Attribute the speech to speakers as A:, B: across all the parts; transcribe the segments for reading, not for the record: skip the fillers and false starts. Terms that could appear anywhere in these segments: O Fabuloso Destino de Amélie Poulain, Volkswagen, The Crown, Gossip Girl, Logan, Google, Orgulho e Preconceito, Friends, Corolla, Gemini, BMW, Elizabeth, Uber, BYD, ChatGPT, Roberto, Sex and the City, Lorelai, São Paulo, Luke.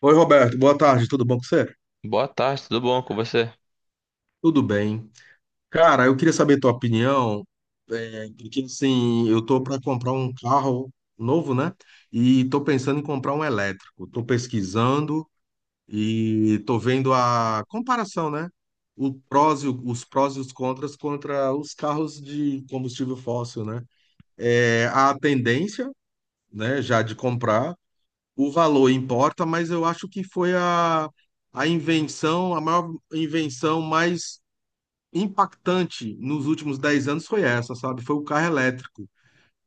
A: Oi, Roberto, boa tarde, tudo bom com você?
B: Boa tarde, tudo bom com você?
A: Tudo bem. Cara, eu queria saber tua opinião, porque assim, eu tô para comprar um carro novo, né? E tô pensando em comprar um elétrico. Tô pesquisando e tô vendo a comparação, né? O prós e o- Os prós e os contras contra os carros de combustível fóssil, né? É, a tendência, né, já de comprar. O valor importa, mas eu acho que foi a invenção, a maior invenção mais impactante nos últimos 10 anos foi essa, sabe? Foi o carro elétrico.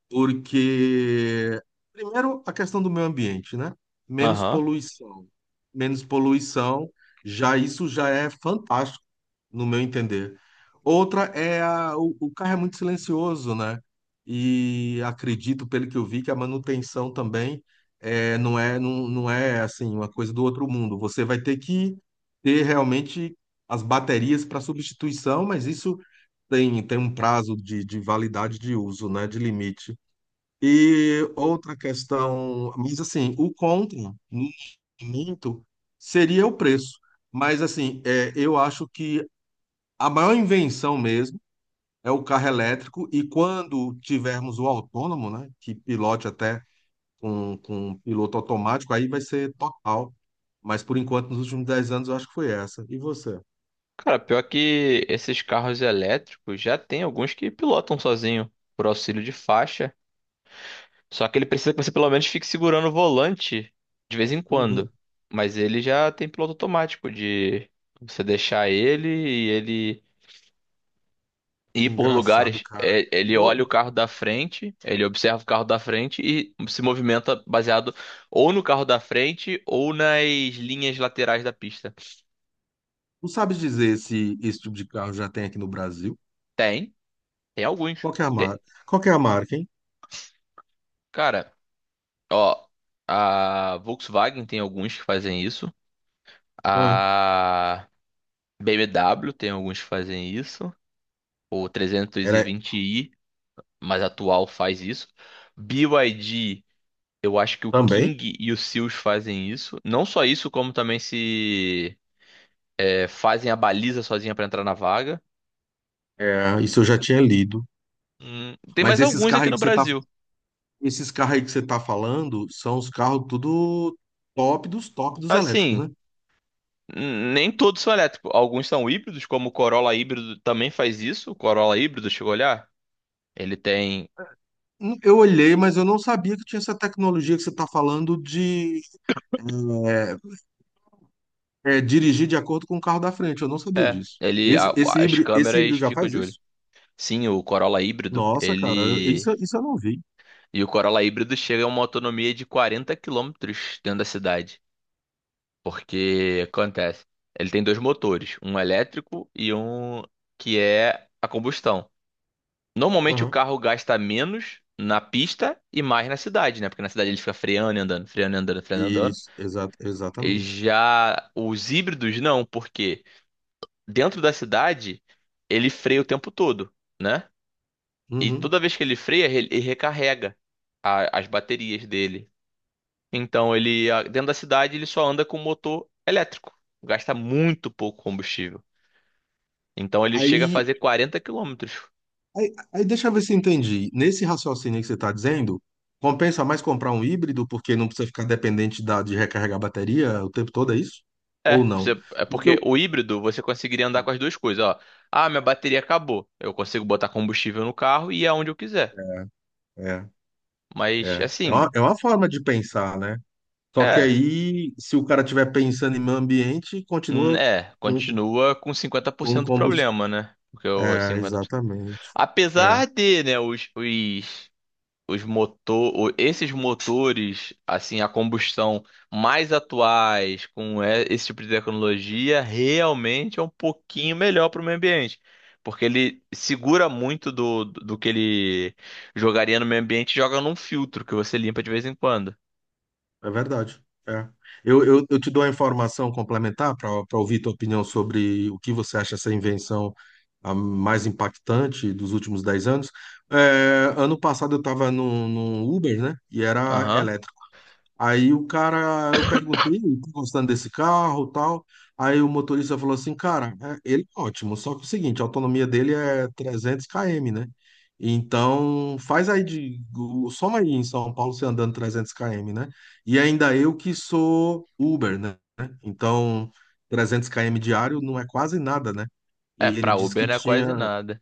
A: Porque, primeiro, a questão do meio ambiente, né? Menos
B: Aham.
A: poluição. Menos poluição, já isso já é fantástico no meu entender. Outra é o carro é muito silencioso, né? E acredito, pelo que eu vi, que a manutenção também é, não é, não é assim uma coisa do outro mundo. Você vai ter que ter realmente as baterias para substituição, mas isso tem um prazo de validade de uso, né? De limite. E outra questão, mas assim, o contra, no momento, seria o preço. Mas assim, é, eu acho que a maior invenção mesmo é o carro elétrico, e quando tivermos o autônomo, né, que pilote até com um piloto automático, aí vai ser total. Mas por enquanto, nos últimos 10 anos, eu acho que foi essa. E você?
B: Cara, pior que esses carros elétricos já tem alguns que pilotam sozinho por auxílio de faixa. Só que ele precisa que você pelo menos fique segurando o volante de vez em quando.
A: Uhum.
B: Mas ele já tem piloto automático de você deixar ele e ele ir por
A: Engraçado,
B: lugares.
A: cara.
B: Ele olha
A: Bo-
B: o carro da frente, ele observa o carro da frente e se movimenta baseado ou no carro da frente ou nas linhas laterais da pista.
A: Não sabe dizer se esse tipo de carro já tem aqui no Brasil?
B: Tem, tem, alguns.
A: Qual que é a marca? Qual que é a marca, hein?
B: Cara, ó, a Volkswagen tem alguns que fazem isso,
A: Ah,
B: a BMW tem alguns que fazem isso, o
A: era
B: 320i mais atual faz isso, BYD, eu acho que o
A: também?
B: King e o Seals fazem isso, não só isso, como também se é, fazem a baliza sozinha pra entrar na vaga.
A: É, isso eu já tinha lido.
B: Tem
A: Mas
B: mais
A: esses
B: alguns
A: carros
B: aqui
A: aí
B: no
A: que você está
B: Brasil.
A: Esses carros aí que você tá falando são os carros tudo top dos elétricos,
B: Assim,
A: né?
B: nem todos são elétricos, alguns são híbridos, como o Corolla híbrido também faz isso. O Corolla híbrido, chegou a olhar? Ele tem.
A: Eu olhei, mas eu não sabia que tinha essa tecnologia que você tá falando de dirigir de acordo com o carro da frente. Eu não sabia
B: É,
A: disso.
B: ele. a- As
A: Esse
B: câmeras
A: híbrido já
B: ficam
A: faz
B: de olho.
A: isso?
B: Sim, o Corolla híbrido,
A: Nossa, cara,
B: ele.
A: isso eu não vi.
B: E o Corolla híbrido chega a uma autonomia de 40 quilômetros dentro da cidade. Porque acontece. Ele tem dois motores, um elétrico e um que é a combustão. Normalmente o
A: Aham.
B: carro gasta menos na pista e mais na cidade, né? Porque na cidade ele fica freando e andando, freando e andando, freando e andando.
A: Isso,
B: E
A: exatamente.
B: já os híbridos não, porque dentro da cidade, ele freia o tempo todo, né? E
A: Uhum.
B: toda vez que ele freia, ele recarrega as baterias dele. Então, dentro da cidade, ele só anda com motor elétrico. Gasta muito pouco combustível. Então, ele chega a
A: Aí
B: fazer 40 quilômetros.
A: aí deixa eu ver se entendi. Nesse raciocínio que você está dizendo, compensa mais comprar um híbrido porque não precisa ficar dependente de recarregar a bateria o tempo todo, é isso? Ou não?
B: É
A: Porque
B: porque
A: eu-
B: o híbrido você conseguiria andar com as duas coisas, ó. Ah, minha bateria acabou. Eu consigo botar combustível no carro e ir aonde eu quiser.
A: É,
B: Mas,
A: é.
B: assim,
A: É uma forma de pensar, né? Só que
B: é.
A: aí, se o cara estiver pensando em meio ambiente, continua com,
B: Continua com cinquenta por
A: com
B: cento do
A: combustível.
B: problema, né? Porque o
A: É,
B: 50%.
A: exatamente.
B: Apesar de, né, os motor, esses motores, assim, a combustão mais atuais, com esse tipo de tecnologia, realmente é um pouquinho melhor para o meio ambiente. Porque ele segura muito do que ele jogaria no meio ambiente e joga num filtro que você limpa de vez em quando.
A: É verdade. É. Eu te dou a informação complementar para ouvir tua opinião sobre o que você acha essa invenção a mais impactante dos últimos 10 anos. É, ano passado eu estava num Uber, né? E era
B: Aham.
A: elétrico. Aí o cara, eu perguntei, tá gostando desse carro, tal. Aí o motorista falou assim, cara, ele é ótimo, só que é o seguinte, a autonomia dele é 300 km, né? Então, faz aí soma aí em São Paulo você andando 300 km, né? E ainda eu que sou Uber, né? Então, 300 km diário não é quase nada, né?
B: É,
A: E ele
B: para
A: disse que
B: Uber não é quase
A: tinha
B: nada.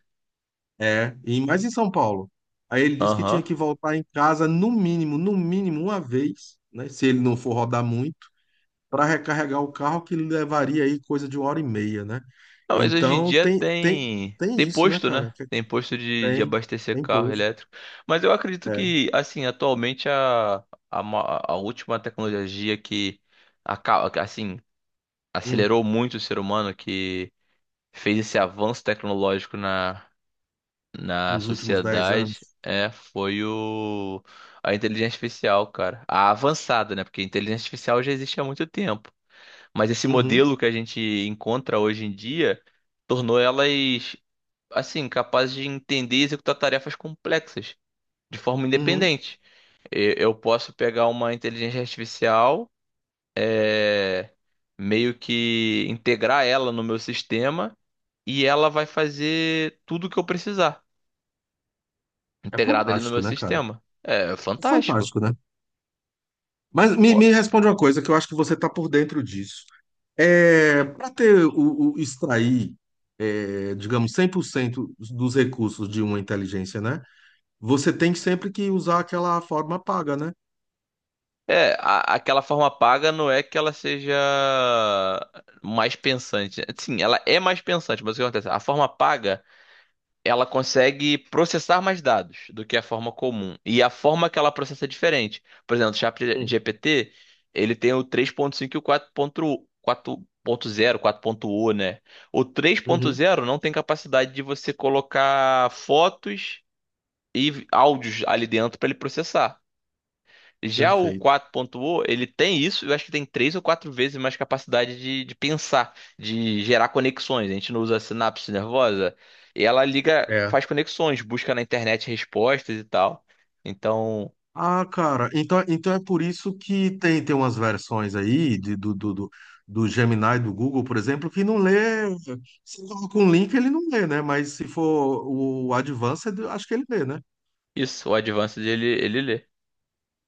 A: é, e mais em São Paulo. Aí ele disse que tinha
B: Aham.
A: que voltar em casa no mínimo, no mínimo uma vez, né? Se ele não for rodar muito, para recarregar o carro que levaria aí coisa de uma hora e meia, né?
B: Não, mas hoje em
A: Então
B: dia
A: tem tem
B: tem
A: tem
B: tem
A: isso, né,
B: posto,
A: cara?
B: né? Tem posto de
A: Tem
B: abastecer
A: tem
B: carro
A: pouso,
B: elétrico. Mas eu acredito
A: é,
B: que, assim, atualmente a última tecnologia que acaba, assim,
A: hum,
B: acelerou muito o ser humano, que fez esse avanço tecnológico na
A: nos últimos 10
B: sociedade,
A: anos.
B: foi a inteligência artificial, cara. A avançada, né? Porque a inteligência artificial já existe há muito tempo. Mas esse
A: Uhum,
B: modelo que a gente encontra hoje em dia tornou elas assim, capaz de entender e executar tarefas complexas de forma
A: uhum.
B: independente. Eu posso pegar uma inteligência artificial, é, meio que integrar ela no meu sistema e ela vai fazer tudo o que eu precisar,
A: É
B: integrada ali no meu
A: fantástico, né, cara?
B: sistema. É
A: É
B: fantástico.
A: fantástico, né? Mas
B: Pô,
A: me responde uma coisa que eu acho que você tá por dentro disso. É, para ter extrair, é, digamos, 100% dos recursos de uma inteligência, né? Você tem sempre que usar aquela forma paga, né?
B: Aquela forma paga não é que ela seja mais pensante. Sim, ela é mais pensante, mas o que acontece? A forma paga ela consegue processar mais dados do que a forma comum. E a forma que ela processa é diferente. Por exemplo, o
A: Hum,
B: ChatGPT, ele tem o 3.5 e o 4.0, né? O três ponto
A: uhum,
B: zero não tem capacidade de você colocar fotos e áudios ali dentro para ele processar. Já o
A: perfeito.
B: 4.0, ele tem isso, eu acho que tem três ou quatro vezes mais capacidade de pensar, de gerar conexões. A gente não usa a sinapse nervosa, e ela liga,
A: É.
B: faz conexões, busca na internet respostas e tal. Então,
A: Ah, cara, então é por isso que tem, tem umas versões aí do Gemini do Google, por exemplo, que não lê. Se coloca um link, ele não lê, né? Mas se for o Advanced, acho que ele lê, né?
B: isso, o Advanced ele lê,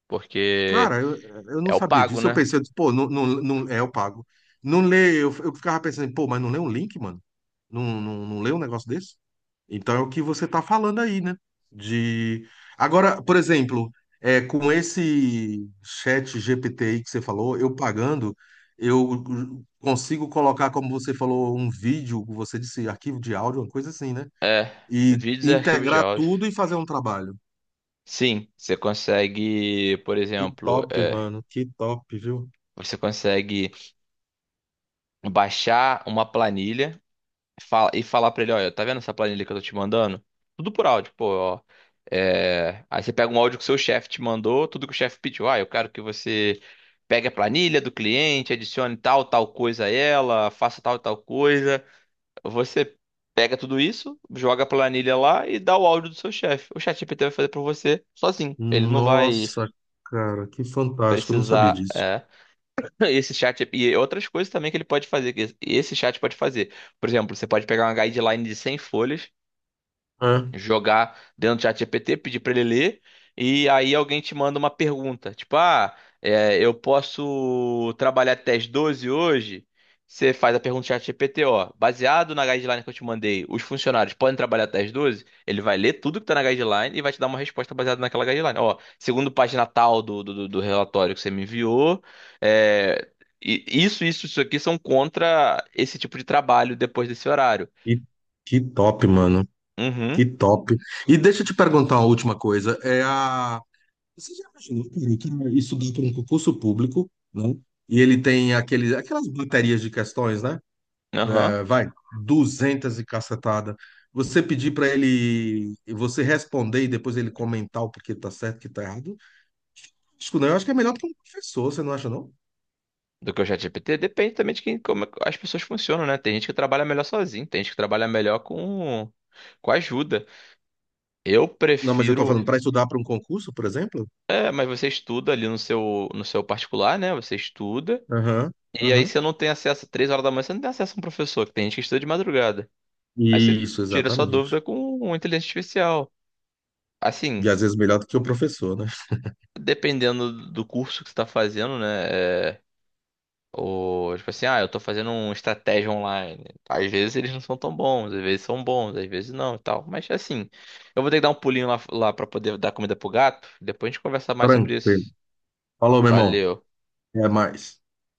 B: porque
A: Cara, eu, eu
B: é
A: não
B: o
A: sabia
B: pago,
A: disso. Eu
B: né?
A: pensei, eu disse, pô, não, é, eu pago. Não leio, eu ficava pensando, pô, mas não lê um link, mano? Não lê um negócio desse? Então é o que você tá falando aí, né? De. Agora, por exemplo, é, com esse chat GPT aí que você falou, eu pagando, eu consigo colocar, como você falou, um vídeo, você disse, arquivo de áudio, uma coisa assim, né? E
B: Vídeos e arquivos de
A: integrar
B: áudio.
A: tudo e fazer um trabalho.
B: Sim, você consegue, por
A: Que
B: exemplo,
A: top,
B: é,
A: mano, que top, viu?
B: você consegue baixar uma planilha. E falar pra ele, olha, tá vendo essa planilha que eu tô te mandando? Tudo por áudio, pô, ó. Aí você pega um áudio que o seu chefe te mandou, tudo que o chefe pediu. Ah, eu quero que você pegue a planilha do cliente, adicione tal, tal coisa a ela, faça tal, tal coisa. Você pega tudo isso, joga a planilha lá e dá o áudio do seu chefe. O ChatGPT vai fazer pra você sozinho. Ele não vai
A: Nossa, cara, que fantástico. Eu não sabia
B: precisar.
A: disso.
B: Esse chat e outras coisas também que ele pode fazer, que esse chat pode fazer. Por exemplo, você pode pegar uma guideline de 100 folhas,
A: É.
B: jogar dentro do ChatGPT, pedir para ele ler, e aí alguém te manda uma pergunta, tipo, ah, eu posso trabalhar até as 12 hoje? Você faz a pergunta do ChatGPT, ó, baseado na guideline que eu te mandei, os funcionários podem trabalhar até as 12? Ele vai ler tudo que tá na guideline e vai te dar uma resposta baseada naquela guideline. Ó, segundo página tal do relatório que você me enviou, é, isso, isso aqui são contra esse tipo de trabalho depois desse horário.
A: E que top, mano. Que
B: Uhum,
A: top. E deixa eu te perguntar uma última coisa. É a... Você já imaginou, cara, que isso dá para um concurso público, né? E ele tem aquele, aquelas baterias de questões, né?
B: aham.
A: É, vai, 200 e cacetada. Você pedir para ele, você responder e depois ele comentar o porquê tá certo, o que tá errado. Acho que não, eu acho que é melhor para um professor, você não acha, não?
B: Do que o ChatGPT? Depende também de quem, como as pessoas funcionam, né? Tem gente que trabalha melhor sozinho, tem gente que trabalha melhor com ajuda. Eu
A: Não, mas eu tô
B: prefiro.
A: falando para estudar para um concurso, por exemplo?
B: É, mas você estuda ali no seu, no seu particular, né? Você estuda.
A: Aham,
B: E aí
A: aham.
B: você não tem acesso, 3 horas da manhã, você não tem acesso a um professor, que tem gente que estuda de madrugada. Aí você
A: Isso,
B: tira sua
A: exatamente.
B: dúvida com uma inteligência artificial. Assim,
A: E às vezes melhor do que o professor, né?
B: dependendo do curso que você está fazendo, né? Ou, tipo assim, ah, eu tô fazendo uma estratégia online. Às vezes eles não são tão bons, às vezes são bons, às vezes não e tal. Mas assim, eu vou ter que dar um pulinho lá, lá pra poder dar comida pro gato. Depois a gente conversa mais sobre
A: Tranquilo.
B: isso.
A: Falou, meu irmão.
B: Valeu.
A: Até mais.